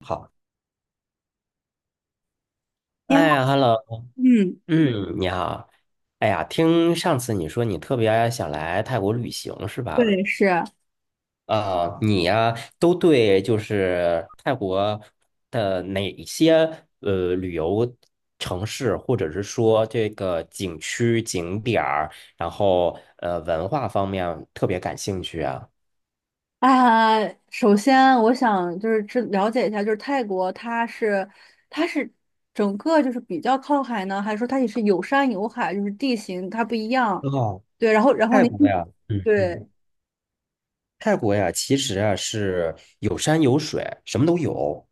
好，你好。哎，Hello，嗯。嗯，你好。哎呀，听上次你说你特别想来泰国旅行是吧？对，是啊。啊、你呀、都对就是泰国的哪些旅游城市，或者是说这个景区景点儿，然后文化方面特别感兴趣啊？首先，我想就是知了解一下，就是泰国它是整个就是比较靠海呢，还是说它也是有山有海，就是地形它不一样？哦，对。然后然后泰您国呀，嗯对。嗯，泰国呀，其实啊是有山有水，什么都有。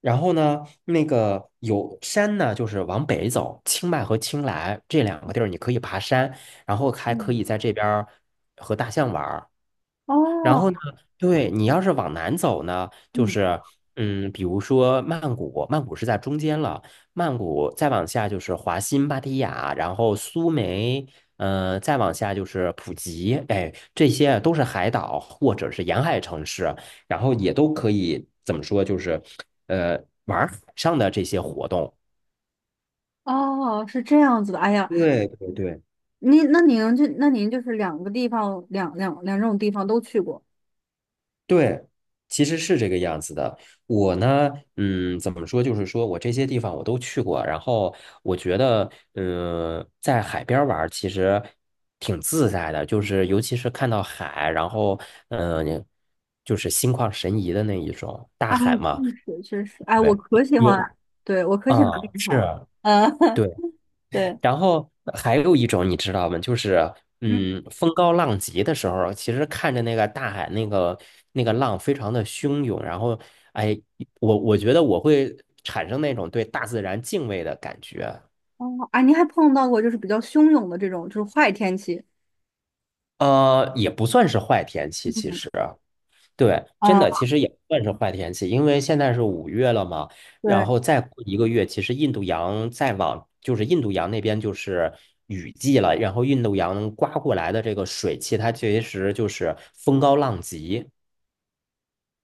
然后呢，那个有山呢，就是往北走，清迈和清莱这两个地儿，你可以爬山，然后还可嗯。以在这边儿和大象玩儿。然后呢，哦。对你要是往南走呢，就嗯。是比如说曼谷，曼谷是在中间了，曼谷再往下就是华欣、芭堤雅，然后苏梅，再往下就是普吉，哎，这些都是海岛或者是沿海城市，然后也都可以怎么说，就是呃玩儿海上的这些活动。哦，是这样子的。哎呀，对对对，您那您就那您就是两个地方，两种地方都去过。对，其实是这个样子的。我呢，怎么说，就是说我这些地方我都去过，然后我觉得，在海边儿玩儿其实挺自在的，就是尤其是看到海，然后，嗯、就是心旷神怡的那一种，大哎，海嘛，确实确实。哎，我对，可喜欢。有对，我可喜啊，欢这个是海了。啊。嗯。对。对。然后还有一种你知道吗？就是风高浪急的时候，其实看着那个大海那个浪非常的汹涌，然后哎，我觉得我会产生那种对大自然敬畏的感觉。哦，啊，您还碰到过就是比较汹涌的这种就是坏天气？也不算是坏天气，其嗯。实。对，真啊。的，其实也不算是坏天气，因为现在是5月了嘛，然对。后再过一个月，其实印度洋再往就是印度洋那边就是雨季了，然后印度洋刮过来的这个水汽，它其实就是风高浪急。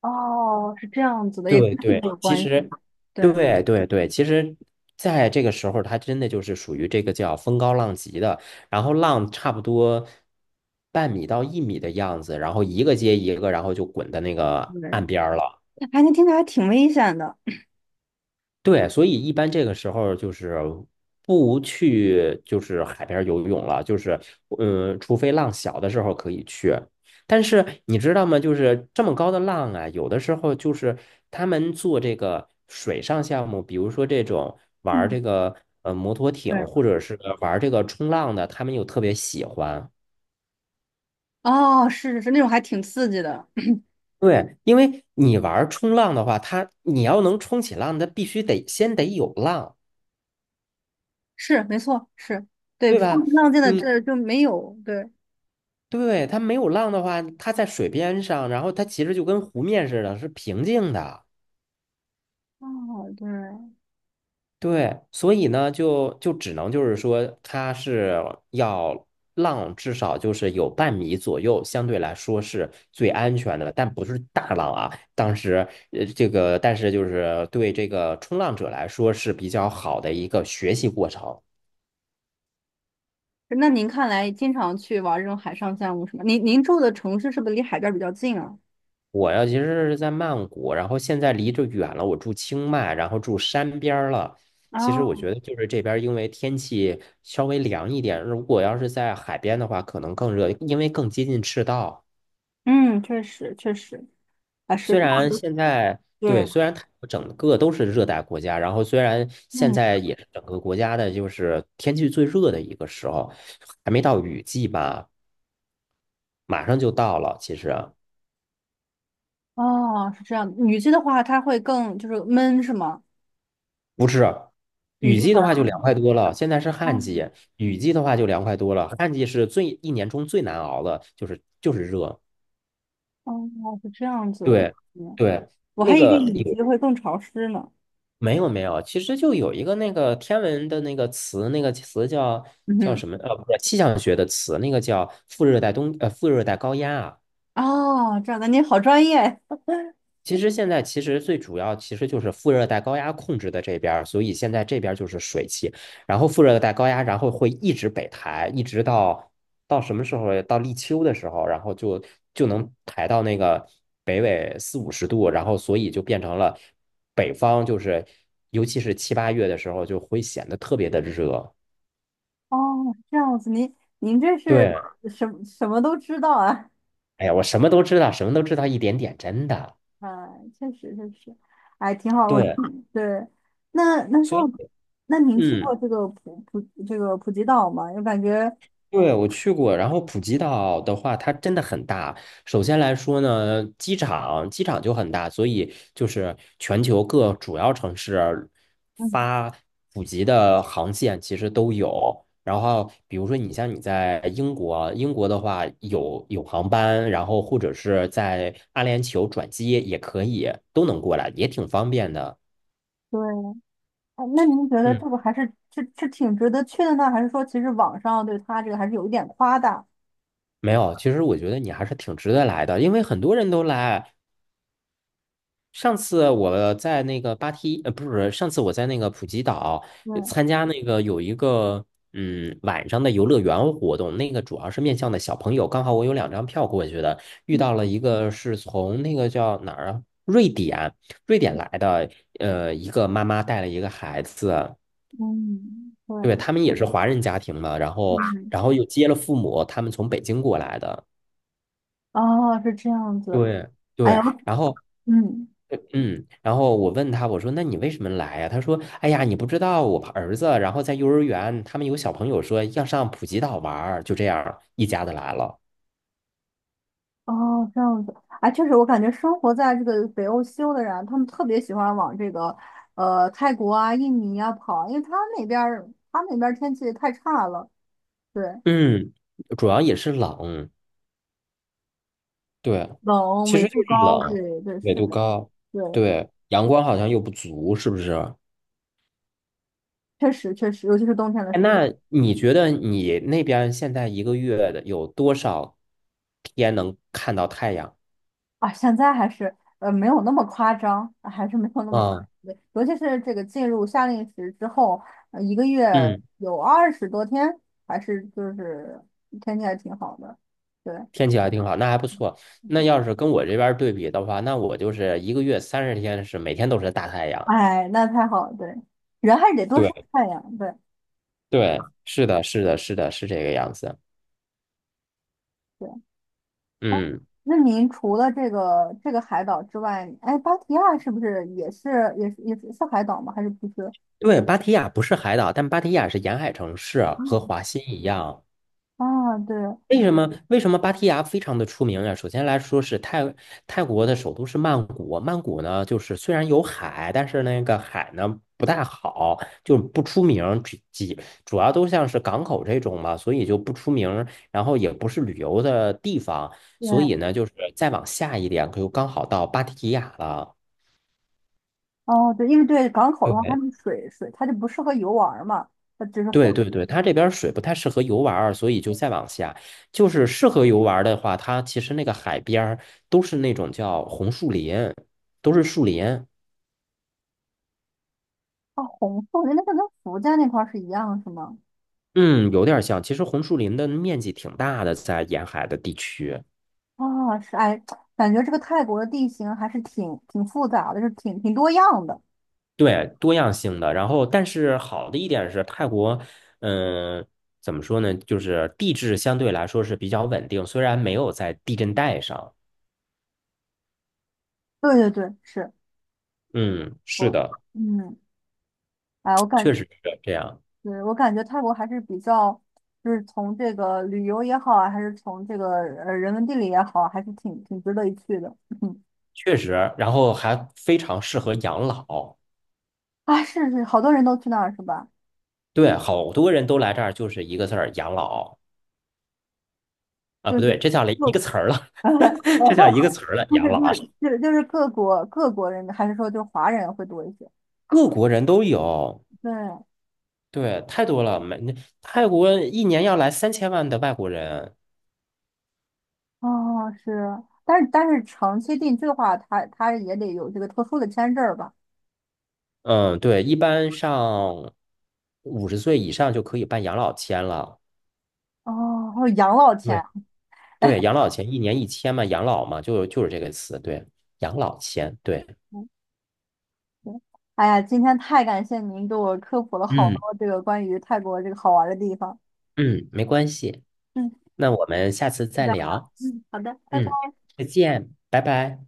哦，是这样子的，也跟对这个有对，其关系。实，对。对对对，其实在这个时候，它真的就是属于这个叫风高浪急的，然后浪差不多半米到1米的样子，然后一个接一个，然后就滚到那个对。岸边儿了。哎，能听起来还挺危险的。对，所以一般这个时候就是不去，就是海边游泳了，就是除非浪小的时候可以去。但是你知道吗？就是这么高的浪啊，有的时候就是他们做这个水上项目，比如说这种玩儿嗯。这个摩托艇，对。或者是玩儿这个冲浪的，他们又特别喜欢。哦，是是是，那种还挺刺激的。对，因为你玩儿冲浪的话，它你要能冲起浪，它必须得先得有浪。是，没错，是。对，对风吧？平浪静的你这就没有。对。对，它没有浪的话，它在水边上，然后它其实就跟湖面似的，是平静的。哦。对。对，所以呢，就只能就是说，它是要浪至少就是有半米左右，相对来说是最安全的，但不是大浪啊。当时这个但是就是对这个冲浪者来说是比较好的一个学习过程。那您看来经常去玩这种海上项目是吗？您您住的城市是不是离海边儿比较近啊？我呀，其实是在曼谷，然后现在离着远了，我住清迈，然后住山边儿了。其实我觉哦。得就是这边儿因为天气稍微凉一点，如果要是在海边的话，可能更热，因为更接近赤道。嗯。确实确实。啊，石虽头。然现在对。对，虽然它整个都是热带国家，然后虽然现嗯。在也是整个国家的就是天气最热的一个时候，还没到雨季吧，马上就到了，其实。哦，是这样的。雨季的话，它会更就是闷，是吗？是，雨雨季的季话，的话就凉快多了。现在是旱哦季，雨季的话就凉快多了。旱季是一年中最难熬的，就是热。哦，是这样子。对嗯，对，我还那以为个雨有季会更潮湿呢。没有没有？其实就有一个那个天文的那个词，那个词叫嗯叫哼。什么？不是气象学的词，那个叫副热带高压啊。哦，这样的，您好专业。其实现在其实最主要其实就是副热带高压控制的这边所以现在这边就是水汽，然后副热带高压，然后会一直北抬，一直到什么时候？到立秋的时候，然后就能抬到那个北纬四五十度，然后所以就变成了北方就是，尤其是七八月的时候就会显得特别的热。哦，是这样子。您这是对，什么什么都知道啊？哎呀，我什么都知道，什么都知道一点点，真的。啊，确实确实。哎，挺好。我对，对。那那像所以那您去嗯。过这个这个普吉岛吗？我感觉，对，我去过，然后普吉岛的话，它真的很大。首先来说呢，机场就很大，所以就是全球各主要城市嗯，发普吉的航线其实都有。然后，比如说你像你在英国，英国的话有航班，然后或者是在阿联酋转机也可以，都能过来，也挺方便的。对。哎，那您觉得嗯，这个还是是挺值得去的呢，还是说其实网上对他这个还是有一点夸大？没有，其实我觉得你还是挺值得来的，因为很多人都来。上次我在那个芭提，不是，上次我在那个普吉岛对。参加那个有一个晚上的游乐园活动，那个主要是面向的小朋友，刚好我有两张票过去的，遇到了一个是从那个叫哪儿啊，瑞典，瑞典来的，一个妈妈带了一个孩子，嗯。对。对，他们也是华人家庭嘛，然后嗯。然后又接了父母，他们从北京过来的，哦，是这样子。对。哎对，呀。然后嗯。嗯，然后我问他，我说：“那你为什么来呀？”他说：“哎呀，你不知道，我儿子，然后在幼儿园，他们有小朋友说要上普吉岛玩儿，就这样一家子来了。哦，这样子。哎，确实，我感觉生活在这个北欧西欧的人啊，他们特别喜欢往这个泰国啊、印尼啊跑，因为他们那边儿天气太差了。对。嗯，主要也是冷，对，冷，其纬实就度是高，冷，对对纬是度的。高，对，对，阳光好像又不足，是不是？确实确实，尤其是冬天的时哎候。那你觉得你那边儿现在一个月的有多少天能看到太阳？啊，现在还是没有那么夸张，还是没有那么夸啊，张的。对，尤其是这个进入夏令时之后，一个月嗯。有二十多天，还是就是天气还挺好的。对。天气还挺好，那还不错。那要是跟我这边儿对比的话，那我就是一个月30天是每天都是大太阳。哎，那太好了。对，人还是得多晒对太阳。对。对，是的，是的，是的，是这个样子。对。哎，嗯，那您除了这个海岛之外，哎，芭提雅是不是也是是海岛吗？还是不是？对，芭提雅不是海岛，但芭提雅是沿海城市啊，和华欣一样。啊，对为什么芭提雅非常的出名呀？首先来说是泰国的首都是曼谷，曼谷呢就是虽然有海，但是那个海呢不太好，就不出名，只几主要都像是港口这种嘛，所以就不出名，然后也不是旅游的地方，对。所以呢就是再往下一点，可就刚好到芭提雅了。哦，对，因为对港口的话，它那个水它就不适合游玩儿嘛，它只是画。对对对，它这边儿水不太适合游玩儿，所以就再往下。就是适合游玩儿的话，它其实那个海边儿都是那种叫红树林，都是树林。啊，红色人家个跟福建那块儿是一样是吗？嗯，有点儿像。其实红树林的面积挺大的，在沿海的地区，啊，是。哎，感觉这个泰国的地形还是挺复杂的，就是挺多样的。对，多样性的。然后，但是好的一点是泰国，嗯、怎么说呢？就是地质相对来说是比较稳定，虽然没有在地震带上。对对对，是嗯，是我。的，嗯。哎，我感。确实是这样。对，我感觉泰国还是比较，就是从这个旅游也好啊，还是从这个人文地理也好，还是挺值得一去的。嗯。确实，然后还非常适合养老。啊，是是，好多人都去那儿是吧？对，好多人都来这儿就是一个字儿养老啊，就不是对，这叫了一个就 词儿了，这叫一个词儿了，不养是不老。是，就是各国人民还是说就是华人会多一些？各国人都有，对。对，太多了。泰国一年要来3000万的外国人，哦是。但是但是长期定居的话，他也得有这个特殊的签证儿吧？嗯，对，一般上50岁以上就可以办养老签了。哦，还有养老对钱。对，养老签一年1000嘛，养老嘛，就是这个词，对，养老签，对，嗯。对。哎呀，今天太感谢您给我科普了好多嗯这个关于泰国这个好玩儿的地方。嗯，没关系。嗯。那我们下次就再这样吧，聊。嗯，好的，拜拜。嗯，再见，拜拜。